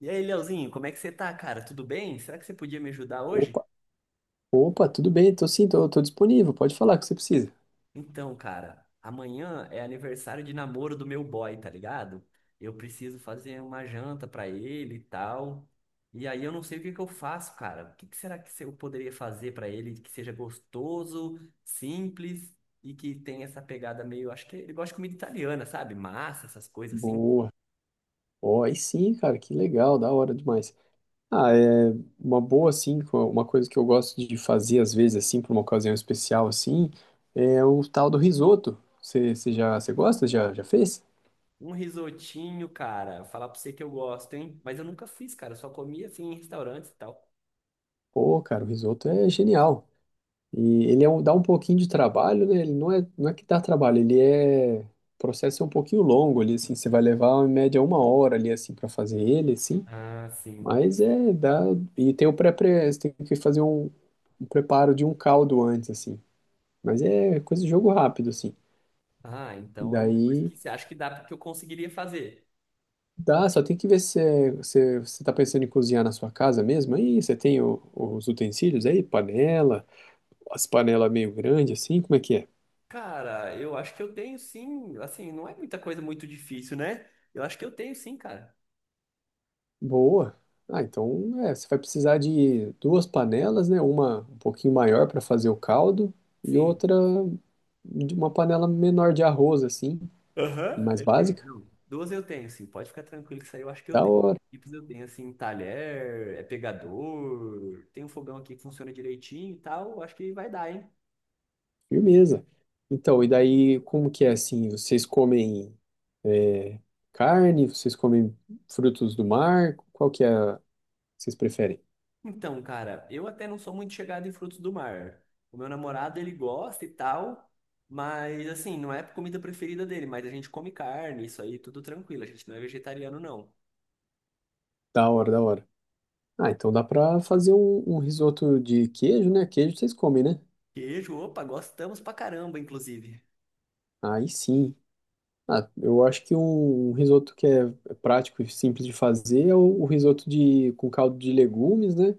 E aí, Leozinho, como é que você tá, cara? Tudo bem? Será que você podia me ajudar hoje? Opa, opa, tudo bem, tô sim, tô disponível, pode falar o que você precisa. Então, cara, amanhã é aniversário de namoro do meu boy, tá ligado? Eu preciso fazer uma janta pra ele e tal. E aí eu não sei o que que eu faço, cara. O que que será que eu poderia fazer pra ele que seja gostoso, simples e que tenha essa pegada meio, acho que ele gosta de comida italiana, sabe? Massa, essas coisas assim. Boa. Ó, aí sim, cara, que legal, da hora demais. Ah, é uma boa, assim, uma coisa que eu gosto de fazer às vezes, assim, pra uma ocasião especial, assim, é o tal do risoto. Você gosta? Já fez? Um risotinho, cara. Falar pra você que eu gosto, hein? Mas eu nunca fiz, cara. Eu só comia assim em restaurantes e tal. Pô, cara, o risoto é genial. E ele dá um pouquinho de trabalho, né? Ele não é que dá trabalho, O processo é um pouquinho longo ali, assim, você vai levar em média 1 hora ali, assim, pra fazer ele, assim. Ah, sim. Mas é, dá. E tem você tem que fazer um preparo de um caldo antes, assim. Mas é coisa de jogo rápido, assim. Ah, E então é uma coisa daí que você acha que dá que eu conseguiria fazer? dá, só tem que ver se é- se é, você tá pensando em cozinhar na sua casa mesmo. Aí você tem os utensílios aí, panela, as panelas meio grandes, assim, como é que é? Cara, eu acho que eu tenho sim. Assim, não é muita coisa muito difícil, né? Eu acho que eu tenho sim, cara. Boa. Ah, então é, você vai precisar de duas panelas, né? Uma um pouquinho maior para fazer o caldo e Sim. outra de uma panela menor de arroz, assim, Aham. mais Eu tenho, básica. não. Duas eu tenho, sim. Pode ficar tranquilo que isso aí eu acho que eu Da tenho. hora. Tipos eu tenho, assim, talher, é pegador, tem um fogão aqui que funciona direitinho e tal. Acho que vai dar, hein? Firmeza. Então, e daí, como que é assim? Vocês comem é, carne? Vocês comem frutos do mar? Qual que é? Vocês preferem? Então, cara, eu até não sou muito chegado em frutos do mar. O meu namorado, ele gosta e tal, mas assim, não é a comida preferida dele, mas a gente come carne, isso aí, tudo tranquilo. A gente não é vegetariano, não. Da hora, da hora. Ah, então dá pra fazer um risoto de queijo, né? Queijo vocês comem, né? Queijo, opa, gostamos pra caramba, inclusive. Aí sim. Ah, eu acho que um risoto que é prático e simples de fazer é o risoto com caldo de legumes, né?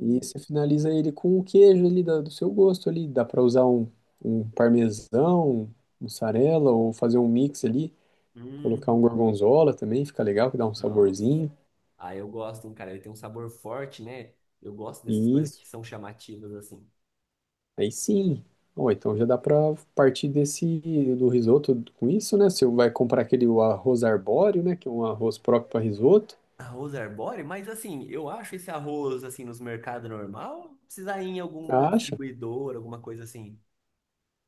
E você finaliza ele com o queijo ali do seu gosto ali. Dá para usar um parmesão, mussarela ou fazer um mix ali. Colocar um hum, gorgonzola também, fica legal, que dá um nossa. saborzinho. Ah, eu gosto, hein, cara. Ele tem um sabor forte, né? Eu gosto dessas E coisas isso. que são chamativas, assim. Aí sim. Ó, então já dá para partir desse do risoto com isso, né? Você vai comprar aquele o arroz arbóreo, né? Que é um arroz próprio para risoto. Arroz arbóreo? Mas assim, eu acho esse arroz, assim, nos mercados normal, ou precisa ir em alguma Acha? distribuidora, alguma coisa assim.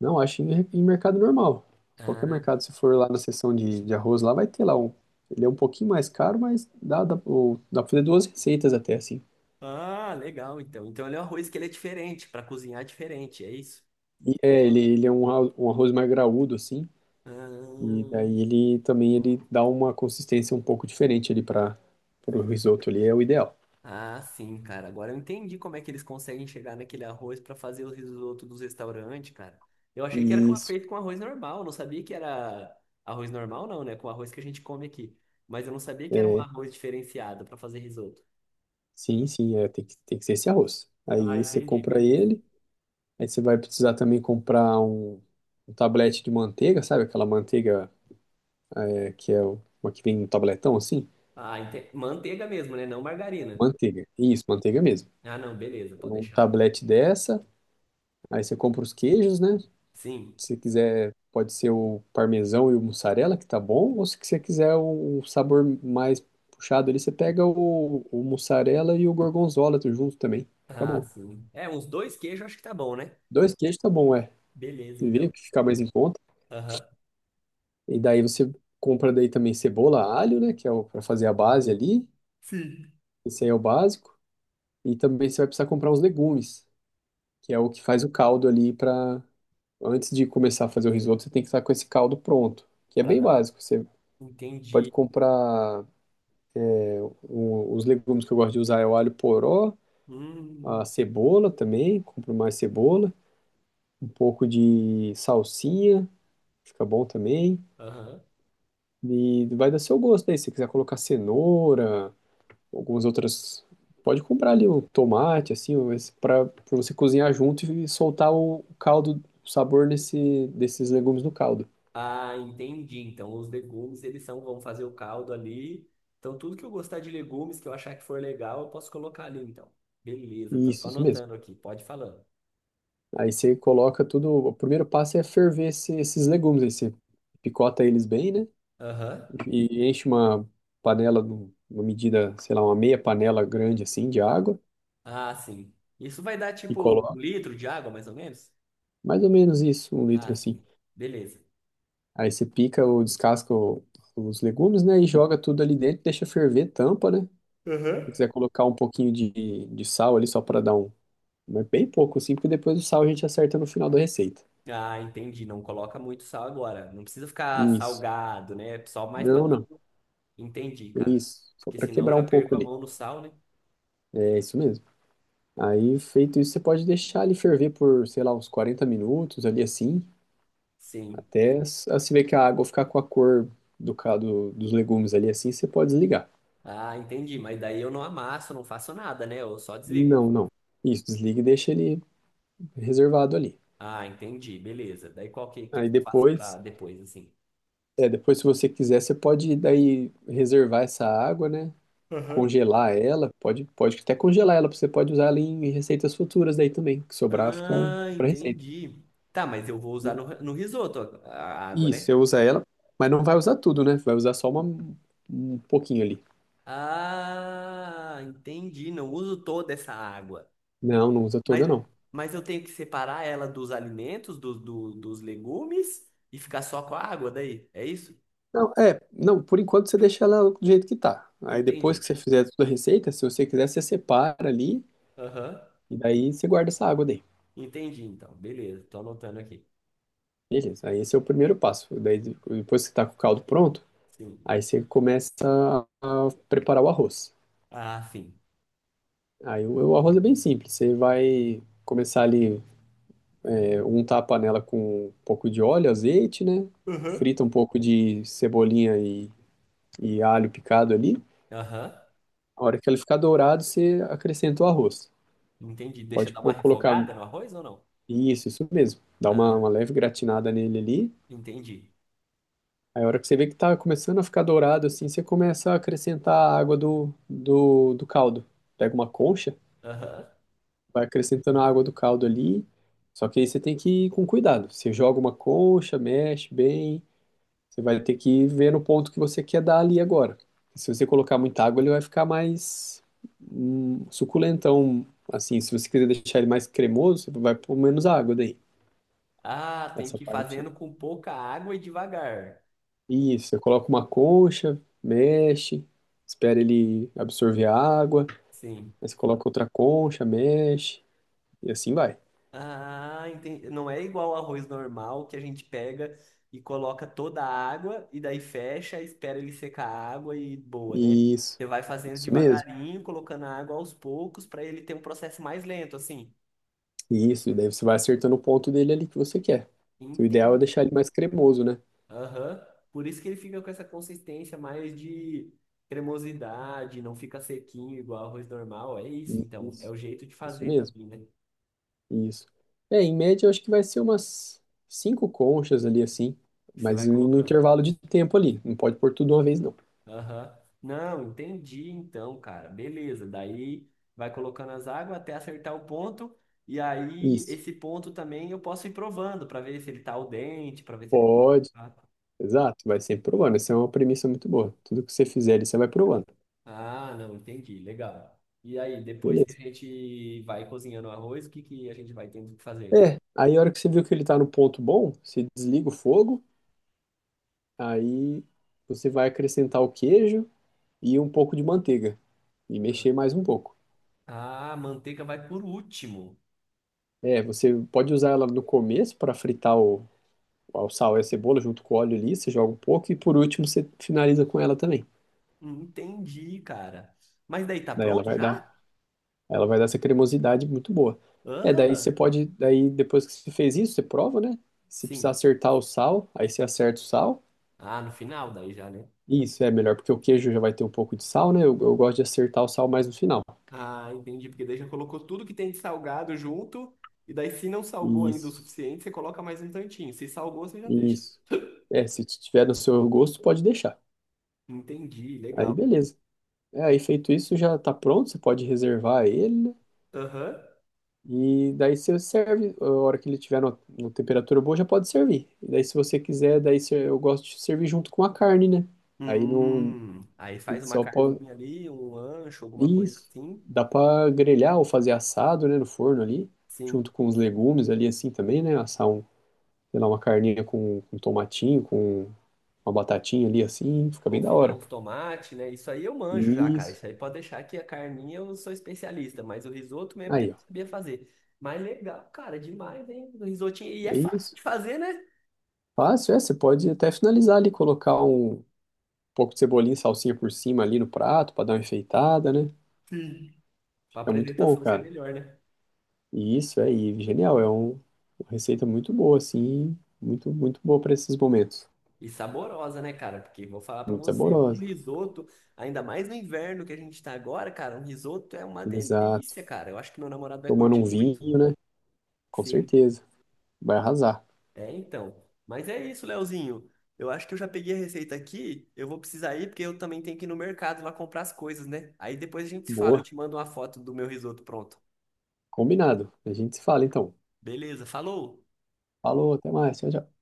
Não, acho em mercado normal. Qualquer Ah, mercado, se for lá na seção de arroz, lá vai ter lá um. Ele é um pouquinho mais caro, mas dá pra fazer duas receitas até, assim. ah, legal, então. Então ele é um arroz que ele é diferente, para cozinhar é diferente, é isso? Ele é um arroz mais graúdo, assim. E Ah, daí ele também ele dá uma consistência um pouco diferente ali para o risoto ali, é o ideal. ah, sim, cara. Agora eu entendi como é que eles conseguem chegar naquele arroz para fazer o risoto dos restaurantes, cara. Eu achei que era com- Isso. feito com arroz normal, não sabia que era arroz normal, não, né? Com o arroz que a gente come aqui. Mas eu não sabia que era um arroz diferenciado para fazer risoto. Sim, sim, é, tem que ser esse arroz. Ah, Aí você entendi, compra beleza. ele, aí você vai precisar também comprar um tablete de manteiga, sabe? Aquela manteiga é, que é uma que vem no tabletão assim, Ah, ente... manteiga mesmo, né? Não margarina. manteiga. Isso, manteiga mesmo. Ah, não, beleza, pode Um deixar. tablete dessa, aí você compra os queijos, né? Sim. Se quiser, pode ser o parmesão e o mussarela, que tá bom, ou se você quiser o sabor mais puxado ali, você pega o mussarela e o gorgonzola tudo junto também. Fica Ah, bom. sim. É, uns dois queijos acho que tá bom, né? Dois queijos tá bom, é. Beleza, Vê o então. que fica mais em conta. Aham. E daí você compra daí também cebola, alho, né, que é o para fazer a base ali. Sim. Esse aí é o básico. E também você vai precisar comprar uns legumes, que é o que faz o caldo ali para antes de começar a fazer o risoto, você tem que estar com esse caldo pronto, que é Pra bem dar. básico. Você pode Entendi. comprar os legumes que eu gosto de usar é o alho poró, Hum. a cebola também, compro mais cebola, um pouco de salsinha, fica bom também. Aham. E vai dar seu gosto aí, se você quiser colocar cenoura, algumas outras. Pode comprar ali o tomate, assim, para você cozinhar junto e soltar o caldo, o sabor desses legumes no caldo. Ah, entendi. Então, os legumes, eles são, vão fazer o caldo ali. Então, tudo que eu gostar de legumes, que eu achar que for legal, eu posso colocar ali, então. Beleza, tô Isso mesmo. anotando aqui. Pode ir falando. Aí você coloca tudo. O primeiro passo é ferver esses legumes. Aí você picota eles bem, né? Aham. E enche uma panela, uma medida, sei lá, uma meia panela grande assim de água Ah, sim. Isso vai dar, e tipo, coloca um litro de água, mais ou menos? mais ou menos isso, 1 litro Ah, assim. sim. Beleza. Aí você pica ou descasca os legumes, né? E joga tudo ali dentro, deixa ferver, tampa, né? Se Aham. quiser colocar um pouquinho de sal ali só para dar um. Mas bem pouco assim, porque depois o sal a gente acerta no final da receita. Ah, entendi. Não coloca muito sal agora. Não precisa ficar Isso. salgado, né? Só mais para Não, não. Entendi, cara. Isso. Só Porque para senão eu quebrar já um pouco perco a ali. mão no sal, né? É isso mesmo. Aí, feito isso, você pode deixar ele ferver por, sei lá, uns 40 minutos ali assim, Sim. até você ver que a água ficar com a cor dos legumes ali assim, você pode desligar. Ah, entendi. Mas daí eu não amasso, não faço nada, né? Eu só desligo. Não, não. Isso, desliga e deixa ele reservado ali. Ah, entendi. Beleza. Daí qual que Aí eu faço pra depois, depois, assim? é, depois se você quiser, você pode daí reservar essa água, né? Aham. Congelar ela, pode até congelar ela, você pode usar ela em receitas futuras daí também, que sobrar fica Ah, para receita. entendi. Tá, mas eu vou usar no, no risoto a água, Isso, né? você usa ela, mas não vai usar tudo, né? Vai usar só um pouquinho ali. Ah, entendi. Não uso toda essa água. Não, não usa Mas, toda, não. mas eu tenho que separar ela dos alimentos, do, do- dos legumes e ficar só com a água daí. É isso? Não, não, por enquanto você deixa ela do jeito que tá. Aí depois Entendi. que você fizer toda a receita, se você quiser, você separa ali Aham. e daí você guarda essa água daí. Entendi, então. Beleza, tô anotando aqui. Beleza, aí esse é o primeiro passo. Daí depois que tá com o caldo pronto, Sim. aí você começa a preparar o arroz. Ah, sim. Aí o arroz é bem simples, você vai começar ali, untar a panela com um pouco de óleo, azeite, né? Aham. Frita um pouco de cebolinha e alho picado ali. Aham. A hora que ele ficar dourado, você acrescenta o arroz. Entendi. Deixa Pode dar uma colocar refogada no arroz ou não? isso, isso mesmo. Dá uma, Ah, uma leve gratinada nele ali. entendi. Aí a hora que você vê que tá começando a ficar dourado assim, você começa a acrescentar a água do caldo. Pega uma concha, Aham. vai acrescentando a água do caldo ali. Só que aí você tem que ir com cuidado. Você joga uma concha, mexe bem. Você vai ter que ver no ponto que você quer dar ali agora. Se você colocar muita água, ele vai ficar mais suculentão. Assim, se você quiser deixar ele mais cremoso, você vai pôr menos água daí. Ah, tem Essa que ir parte. fazendo com pouca água e devagar. Isso, você coloca uma concha, mexe, espera ele absorver a água, Sim. aí você coloca outra concha, mexe, e assim vai. Ah, entendi. Não é igual ao arroz normal que a gente pega e coloca toda a água e daí fecha, espera ele secar a água e boa, né? Isso, Você vai fazendo isso mesmo. devagarinho, colocando a água aos poucos para ele ter um processo mais lento, assim. Isso, e daí você vai acertando o ponto dele ali que você quer. O ideal é Entendi. deixar ele mais cremoso, né? Aham. Por isso que ele fica com essa consistência mais de cremosidade, não fica sequinho igual arroz normal. É isso, então. É Isso, o jeito de isso fazer mesmo. também, né? Isso. É, em média, eu acho que vai ser umas cinco conchas ali, assim, Que você mas vai no colocando. intervalo de tempo ali. Não pode pôr tudo de uma vez, não. Aham. Não, entendi então, cara. Beleza. Daí vai colocando as águas até acertar o ponto. E aí, Isso. esse ponto também eu posso ir provando para ver se ele tá al dente, para ver se ele. Pode. Ah, Exato. Vai sempre provando. Essa é uma premissa muito boa. Tudo que você fizer ali, você vai provando. ah, não, entendi. Legal. E aí, depois que a Beleza. gente vai cozinhando o arroz, o que que a gente vai tendo que fazer? É, aí a hora que você viu que ele tá no ponto bom, você desliga o fogo, aí você vai acrescentar o queijo e um pouco de manteiga. E Ah. mexer mais um pouco. Ah, a manteiga vai por último. É, você pode usar ela no começo para fritar o sal e a cebola junto com o óleo ali, você joga um pouco e por último você finaliza com ela também. Entendi, cara. Mas daí tá Daí ela pronto vai dar, já? ela vai dar essa cremosidade muito boa. É, daí você Aham, pode, daí depois que você fez isso, você prova, né? Se sim. precisar acertar o sal, aí você acerta o sal. Ah, no final daí já, né? Isso é melhor, porque o queijo já vai ter um pouco de sal, né? Eu gosto de acertar o sal mais no final. Ah, entendi, porque daí já colocou tudo que tem de salgado junto. E daí, se não salgou ainda o Isso, suficiente, você coloca mais um tantinho. Se salgou, você já deixa. isso. É, se tiver no seu gosto, pode deixar. Entendi, Aí legal. beleza. É, aí feito isso, já tá pronto, você pode reservar ele, né? Aham. E daí você serve, a hora que ele tiver na temperatura boa, já pode servir. E daí se você quiser, daí eu gosto de servir junto com a carne, né? Aí no Aí faz uma só pode carninha ali, um ancho, alguma coisa isso, assim. dá pra grelhar ou fazer assado, né, no forno ali, junto Sim. com os legumes ali assim também, né? Assar um, sei lá, uma carninha com tomatinho, com uma batatinha ali assim, fica bem da Confitar hora. os tomates, né? Isso aí eu manjo já, cara. Isso. Isso aí pode deixar que a carninha eu sou especialista, mas o risoto mesmo que eu Aí, ó. não sabia fazer. Mas legal, cara, demais, hein? O risotinho. E é É fácil isso. de fazer, né? Fácil, é, você pode até finalizar ali, colocar um pouco de cebolinha e salsinha por cima ali no prato pra dar uma enfeitada, né? Sim. Pra Fica muito bom, apresentação ser cara. melhor, né? E isso é genial, é uma receita muito boa, assim, muito, muito boa pra esses momentos. E saborosa, né, cara? Porque vou falar pra Muito você, um saborosa. risoto, ainda mais no inverno que a gente tá agora, cara, um risoto é uma Exato. delícia, cara. Eu acho que meu namorado vai Tomando um curtir muito. vinho, né? Com Sim. certeza. Vai arrasar. É, então. Mas é isso, Leozinho. Eu acho que eu já peguei a receita aqui. Eu vou precisar ir porque eu também tenho que ir no mercado lá comprar as coisas, né? Aí depois a gente se fala. Eu Boa. te mando uma foto do meu risoto pronto. Combinado. A gente se fala então. Beleza, falou! Falou, até mais. Tchau, tchau.